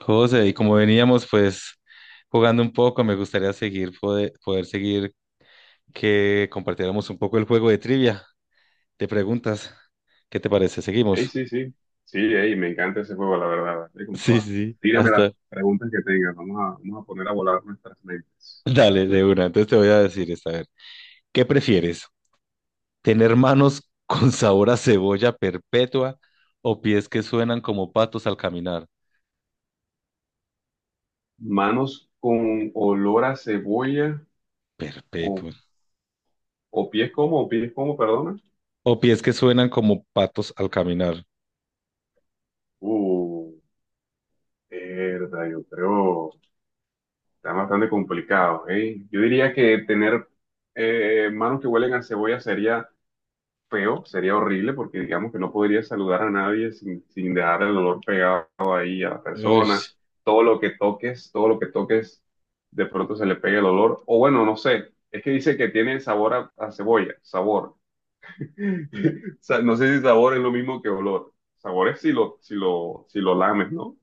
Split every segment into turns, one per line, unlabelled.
José, y como veníamos jugando un poco, me gustaría seguir poder seguir que compartiéramos un poco el juego de trivia. De preguntas, ¿qué te parece?
Ey,
¿Seguimos?
sí, sí. Sí, ey, me encanta ese juego, la verdad. Dale con
Sí,
toda.
sí,
Tírame las
hasta.
preguntas que tengas. Vamos a poner a volar nuestras mentes.
Dale, de una. Entonces te voy a decir esta, a ver. ¿Qué prefieres? ¿Tener manos con sabor a cebolla perpetua o pies que suenan como patos al caminar?
Manos con olor a cebolla o,
Perpetua.
o pies como, perdona.
O pies que suenan como patos al caminar.
Uh, Verdad, yo creo. Está bastante complicado, ¿eh? Yo diría que tener manos que huelen a cebolla sería feo, sería horrible porque digamos que no podría saludar a nadie sin dejar el olor pegado ahí a la persona.
Ush.
Todo lo que toques, todo lo que toques, de pronto se le pega el olor. O bueno, no sé, es que dice que tiene sabor a cebolla, sabor. No sé si sabor es lo mismo que olor. Sabor es si lo lames, ¿no?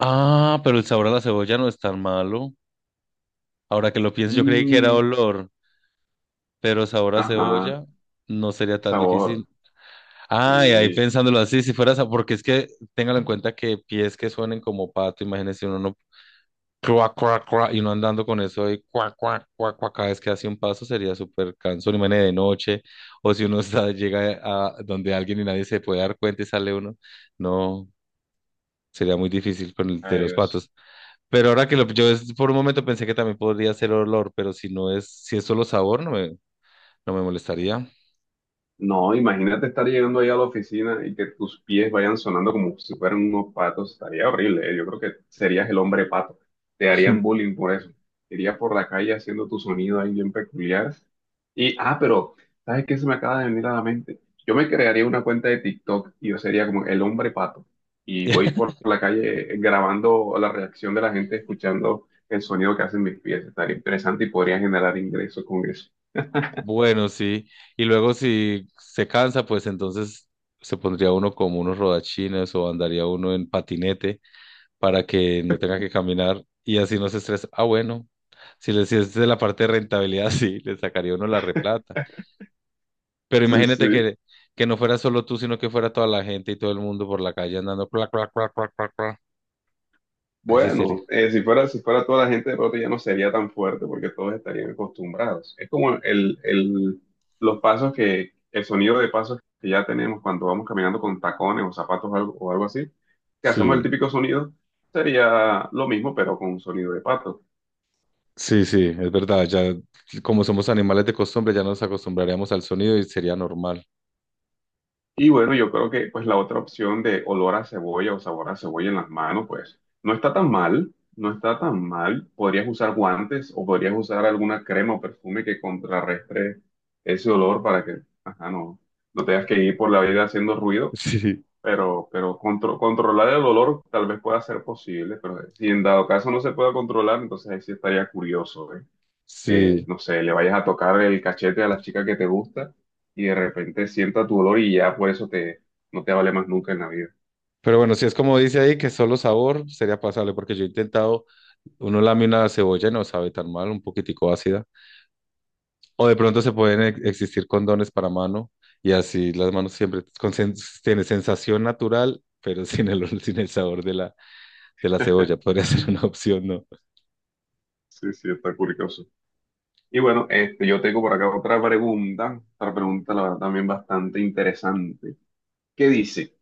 Ah, pero el sabor a la cebolla no es tan malo. Ahora que lo pienso, yo creí que era
Mm,
olor, pero sabor a
ajá,
cebolla no sería tan
sabor.
difícil. Ay, ahí
Sí,
pensándolo así, si fuera porque es que téngalo en cuenta que pies que suenen como pato, imagínense uno no cuac, cuac, cuac, y uno andando con eso ahí, cuac, cuac, cuac, cuac, cada vez que hace un paso sería súper cansón, imagínense de noche, o si uno está, llega a donde alguien y nadie se puede dar cuenta y sale uno, no, sería muy difícil con el de los
adiós.
patos. Pero ahora que lo, por un momento pensé que también podría ser olor, pero si no es, si es solo sabor, no me molestaría.
No, imagínate estar llegando ahí a la oficina y que tus pies vayan sonando como si fueran unos patos. Estaría horrible, ¿eh? Yo creo que serías el hombre pato. Te harían bullying por eso. Irías por la calle haciendo tu sonido ahí bien peculiar. Y, ah, pero, ¿sabes qué se me acaba de venir a la mente? Yo me crearía una cuenta de TikTok y yo sería como el hombre pato. Y voy por la calle grabando la reacción de la gente escuchando el sonido que hacen mis pies. Estaría interesante y podría generar ingresos con eso.
Bueno, sí. Y luego si se cansa, pues entonces se pondría uno como unos rodachines o andaría uno en patinete para que no tenga que caminar y así no se estresa. Ah, bueno. Si, le, si es de la parte de rentabilidad, sí, le sacaría uno la replata. Pero
Sí,
imagínate
sí.
que no fuera solo tú, sino que fuera toda la gente y todo el mundo por la calle andando, clac, clac, clac, clac, clac, clac. Ahí sí sería.
Bueno, si fuera toda la gente de pronto ya no sería tan fuerte porque todos estarían acostumbrados. Es como los pasos que, el sonido de pasos que ya tenemos cuando vamos caminando con tacones o zapatos o algo así, que hacemos
Sí.
el típico sonido, sería lo mismo pero con un sonido de pato.
Sí, sí, es verdad. Ya como somos animales de costumbre, ya nos acostumbraríamos al sonido y sería normal.
Y bueno, yo creo que pues la otra opción de olor a cebolla o sabor a cebolla en las manos, pues no está tan mal, no está tan mal. Podrías usar guantes o podrías usar alguna crema o perfume que contrarrestre ese olor para que, ajá, no tengas que ir por la vida haciendo ruido,
Sí,
pero controlar el olor tal vez pueda ser posible, pero si en dado caso no se pueda controlar, entonces ahí sí estaría curioso, ¿eh? Que,
sí.
no sé, le vayas a tocar el cachete a la chica que te gusta y de repente sienta tu olor y ya por eso te, no te vale más nunca en la vida.
Pero bueno, si es como dice ahí, que solo sabor sería pasable, porque yo he intentado, uno lame una cebolla y no sabe tan mal, un poquitico ácida. O de pronto se pueden existir condones para mano y así las manos siempre tiene sensación natural, pero sin sin el sabor de la cebolla. Podría ser una
Mm.
opción, ¿no?
Sí, sí, está curioso. Y bueno, este, yo tengo por acá otra pregunta la verdad también bastante interesante. ¿Qué dice?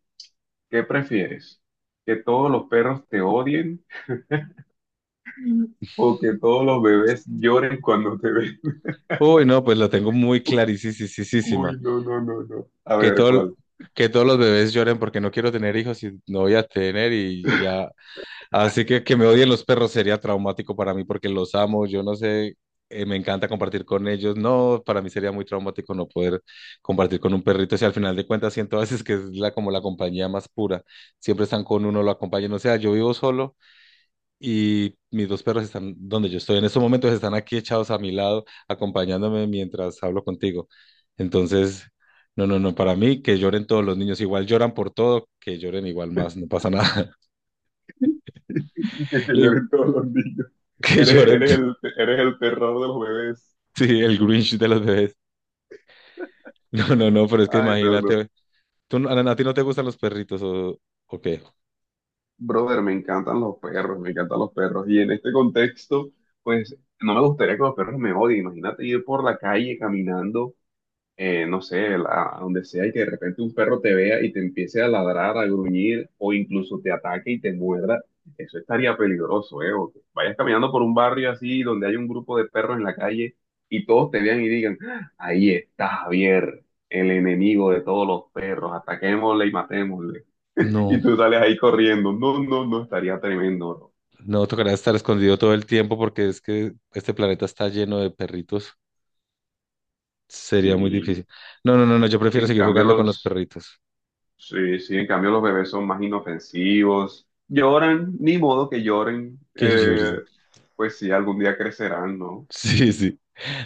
¿Qué prefieres? ¿Que todos los perros te odien o que todos los bebés lloren cuando te ven?
Uy, no, pues la tengo muy clarísima.
Uy, no, no, no, no. A
Que
ver,
todo,
¿cuál?
que todos los bebés lloren porque no quiero tener hijos y no voy a tener y ya. Así que me odien los perros sería traumático para mí porque los amo, yo no sé, me encanta compartir con ellos. No, para mí sería muy traumático no poder compartir con un perrito. Si al final de cuentas siento a veces que es como la compañía más pura. Siempre están con uno, lo acompañan. O sea, yo vivo solo y mis dos perros están donde yo estoy. En estos momentos están aquí echados a mi lado, acompañándome mientras hablo contigo. Entonces, no, no, no, para mí que lloren todos los niños, igual lloran por todo, que lloren igual más, no pasa nada.
Que
Le digo,
lloren todos los niños.
que
Eres,
lloren.
eres el, eres el terror de los bebés.
Sí, el Grinch de los bebés. No, no, no, pero es que
Ay, no, no.
imagínate, ¿tú, a ti no te gustan los perritos o qué?
Brother, me encantan los perros, me encantan los perros. Y en este contexto, pues no me gustaría que los perros me odien. Imagínate ir por la calle caminando no sé, a donde sea, y que de repente un perro te vea y te empiece a ladrar, a gruñir, o incluso te ataque y te muerda, eso estaría peligroso, ¿eh? O que vayas caminando por un barrio así donde hay un grupo de perros en la calle y todos te vean y digan, "Ah, ahí está Javier, el enemigo de todos los perros, ataquémosle y matémosle. Y
No,
tú sales ahí corriendo, no, no, no, estaría tremendo, ¿no?
no, tocará estar escondido todo el tiempo porque es que este planeta está lleno de perritos. Sería muy
Sí,
difícil. No, no, no, no, yo prefiero
en
seguir
cambio
jugando con los
los...
perritos.
Sí, sí, en cambio los bebés son más inofensivos, lloran, ni modo que lloren,
Que llores.
pues sí, algún día crecerán, ¿no?
Sí, sí.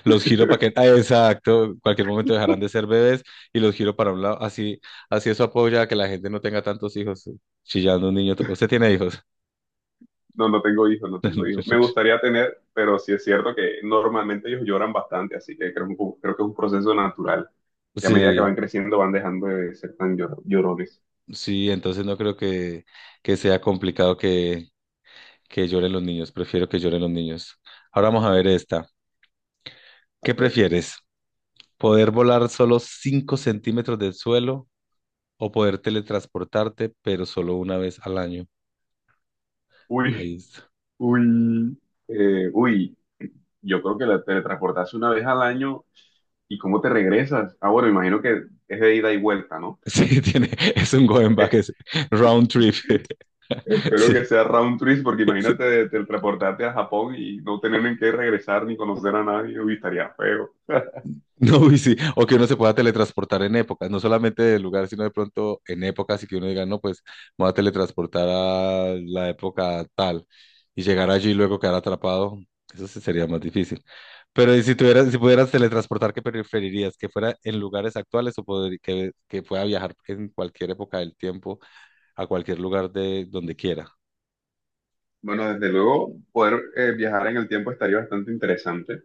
Los giro para que, ah, exacto. Cualquier momento dejarán de ser bebés y los giro para un lado. Así, así eso apoya a que la gente no tenga tantos hijos. Chillando un niño. Usted tiene hijos.
No, no tengo hijos, no tengo hijos. Me gustaría tener, pero sí es cierto que normalmente ellos lloran bastante, así que creo que es un proceso natural. Y a medida que
Sí,
van creciendo van dejando de ser tan llorones.
sí. Entonces no creo que sea complicado que lloren los niños. Prefiero que lloren los niños. Ahora vamos a ver esta.
A
¿Qué
ver,
prefieres? ¿Poder volar solo 5 centímetros del suelo o poder teletransportarte, pero solo una vez al año? Ahí.
uy, uy, uy, yo creo que la teletransportarse una vez al año y cómo te regresas. Ah, bueno, imagino que es de ida y vuelta, ¿no?
Sí, tiene, es un going back, es round trip.
Espero
Sí,
que sea round trip, porque
sí.
imagínate teleportarte a Japón y no tener en qué regresar ni conocer a nadie, uy, estaría feo.
No, y sí, o que uno se pueda teletransportar en épocas, no solamente del lugar, sino de pronto en épocas y que uno diga, no, pues me voy a teletransportar a la época tal y llegar allí y luego quedar atrapado, eso sí sería más difícil. Pero ¿y si tuvieras, si pudieras teletransportar, ¿qué preferirías? ¿Que fuera en lugares actuales o que pueda viajar en cualquier época del tiempo a cualquier lugar de donde quiera?
Bueno, desde luego, poder viajar en el tiempo estaría bastante interesante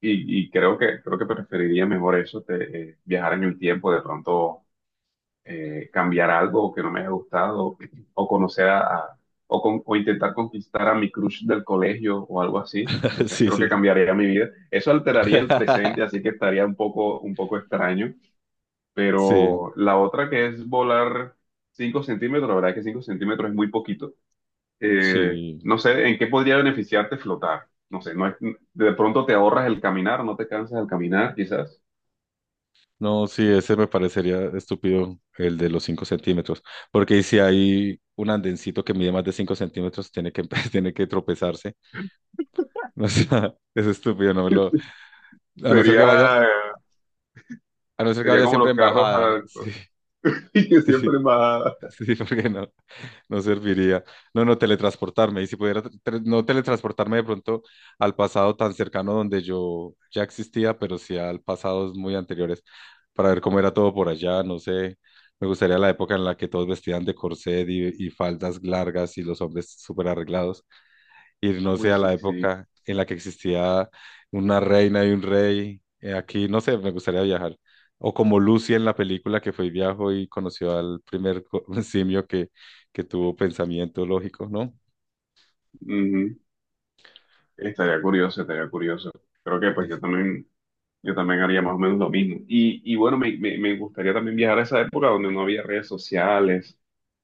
y creo que preferiría mejor eso, viajar en el tiempo, de pronto cambiar algo que no me haya gustado o conocer a, o intentar conquistar a mi crush del colegio o algo así. No sé,
Sí,
creo que
sí.
cambiaría mi vida. Eso alteraría el presente, así que estaría un poco extraño.
Sí.
Pero la otra que es volar 5 centímetros, la verdad que 5 centímetros es muy poquito.
Sí,
No sé, ¿en qué podría beneficiarte flotar? No sé, no es- de pronto te ahorras el caminar, no te cansas al caminar, quizás.
no, sí, ese me parecería estúpido, el de los 5 centímetros, porque si hay un andencito que mide más de 5 centímetros, tiene que, tiene que tropezarse, o sea, es estúpido, no me lo, a no ser que vaya,
Sería, eh,
a no ser que
sería
vaya
como
siempre
los
en
carros
bajada. Sí,
altos, que siempre más...
sí, sí, porque no, no serviría. No, no, teletransportarme. Y si pudiera no teletransportarme de pronto al pasado tan cercano donde yo ya existía, pero sí al pasados muy anteriores, para ver cómo era todo por allá, no sé. Me gustaría la época en la que todos vestían de corset y faldas largas y los hombres súper arreglados, ir, no sé,
Uy,
a
sí,
la
sí.
época en la que existía una reina y un rey. Aquí, no sé, me gustaría viajar. O como Lucy en la película que fue y viajó y conoció al primer simio que tuvo pensamiento lógico, ¿no?
Ujú. Estaría curioso, estaría curioso. Creo que pues
Sí,
yo
sí.
también... Yo también haría más o menos lo mismo. Y bueno, me gustaría también viajar a esa época donde no había redes sociales,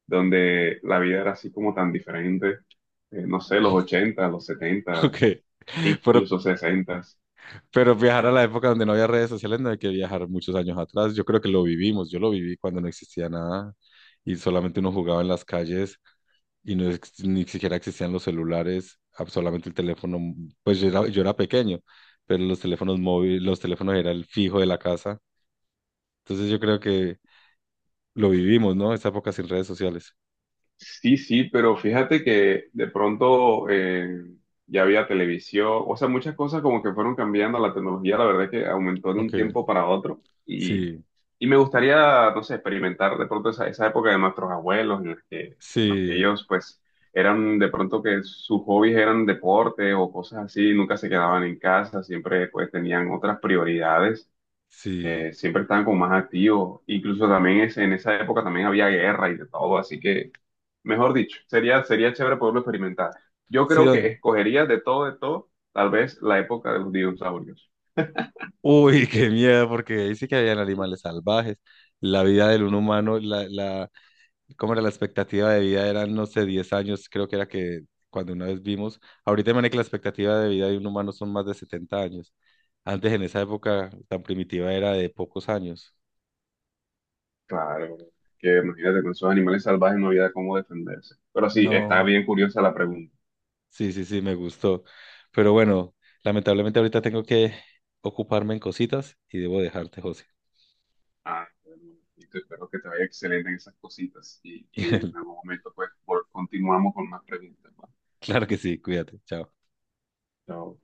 donde la vida era así como tan diferente. No sé, los 80 los setenta
Ok. Pero,
incluso 60.
pero viajar a la época donde no había redes sociales no hay que viajar muchos años atrás. Yo creo que lo vivimos, yo lo viví cuando no existía nada y solamente uno jugaba en las calles y no, ni siquiera existían los celulares, ah, solamente el teléfono, pues yo era pequeño, pero los teléfonos móviles, los teléfonos era el fijo de la casa. Entonces yo creo que lo vivimos, ¿no? Esa época sin redes sociales.
Sí, sí, pero fíjate que de pronto ya había televisión, o sea, muchas cosas como que fueron cambiando, la tecnología la verdad es que aumentó de un
Ok,
tiempo para otro y,
sí,
y me gustaría, no sé, experimentar de pronto esa época de nuestros abuelos en la que, en los que
sí,
ellos pues eran de pronto que sus hobbies eran deporte o cosas así, nunca se quedaban en casa, siempre pues tenían otras prioridades,
sí,
siempre estaban como más activos, incluso también en esa época también había guerra y de todo, así que... Mejor dicho, sería chévere poderlo experimentar. Yo
sí.
creo que escogería de todo, tal vez la época de los dinosaurios.
Uy, qué miedo, porque ahí sí que habían animales salvajes. La vida del un humano, ¿cómo era la expectativa de vida? Eran, no sé, 10 años, creo que era que cuando una vez vimos. Ahorita, imagínate que la expectativa de vida de un humano son más de 70 años. Antes, en esa época tan primitiva, era de pocos años.
Claro, que imagínate con esos animales salvajes no había cómo defenderse. Pero sí, está
No,
bien curiosa la pregunta.
sí, sí, sí, me gustó. Pero bueno, lamentablemente ahorita tengo que ocuparme en cositas y debo dejarte, José.
Ah, bueno, y te espero que te vaya excelente en esas cositas. Y en algún momento, pues, continuamos con más preguntas. ¿Va?
Claro que sí, cuídate, chao.
Chao.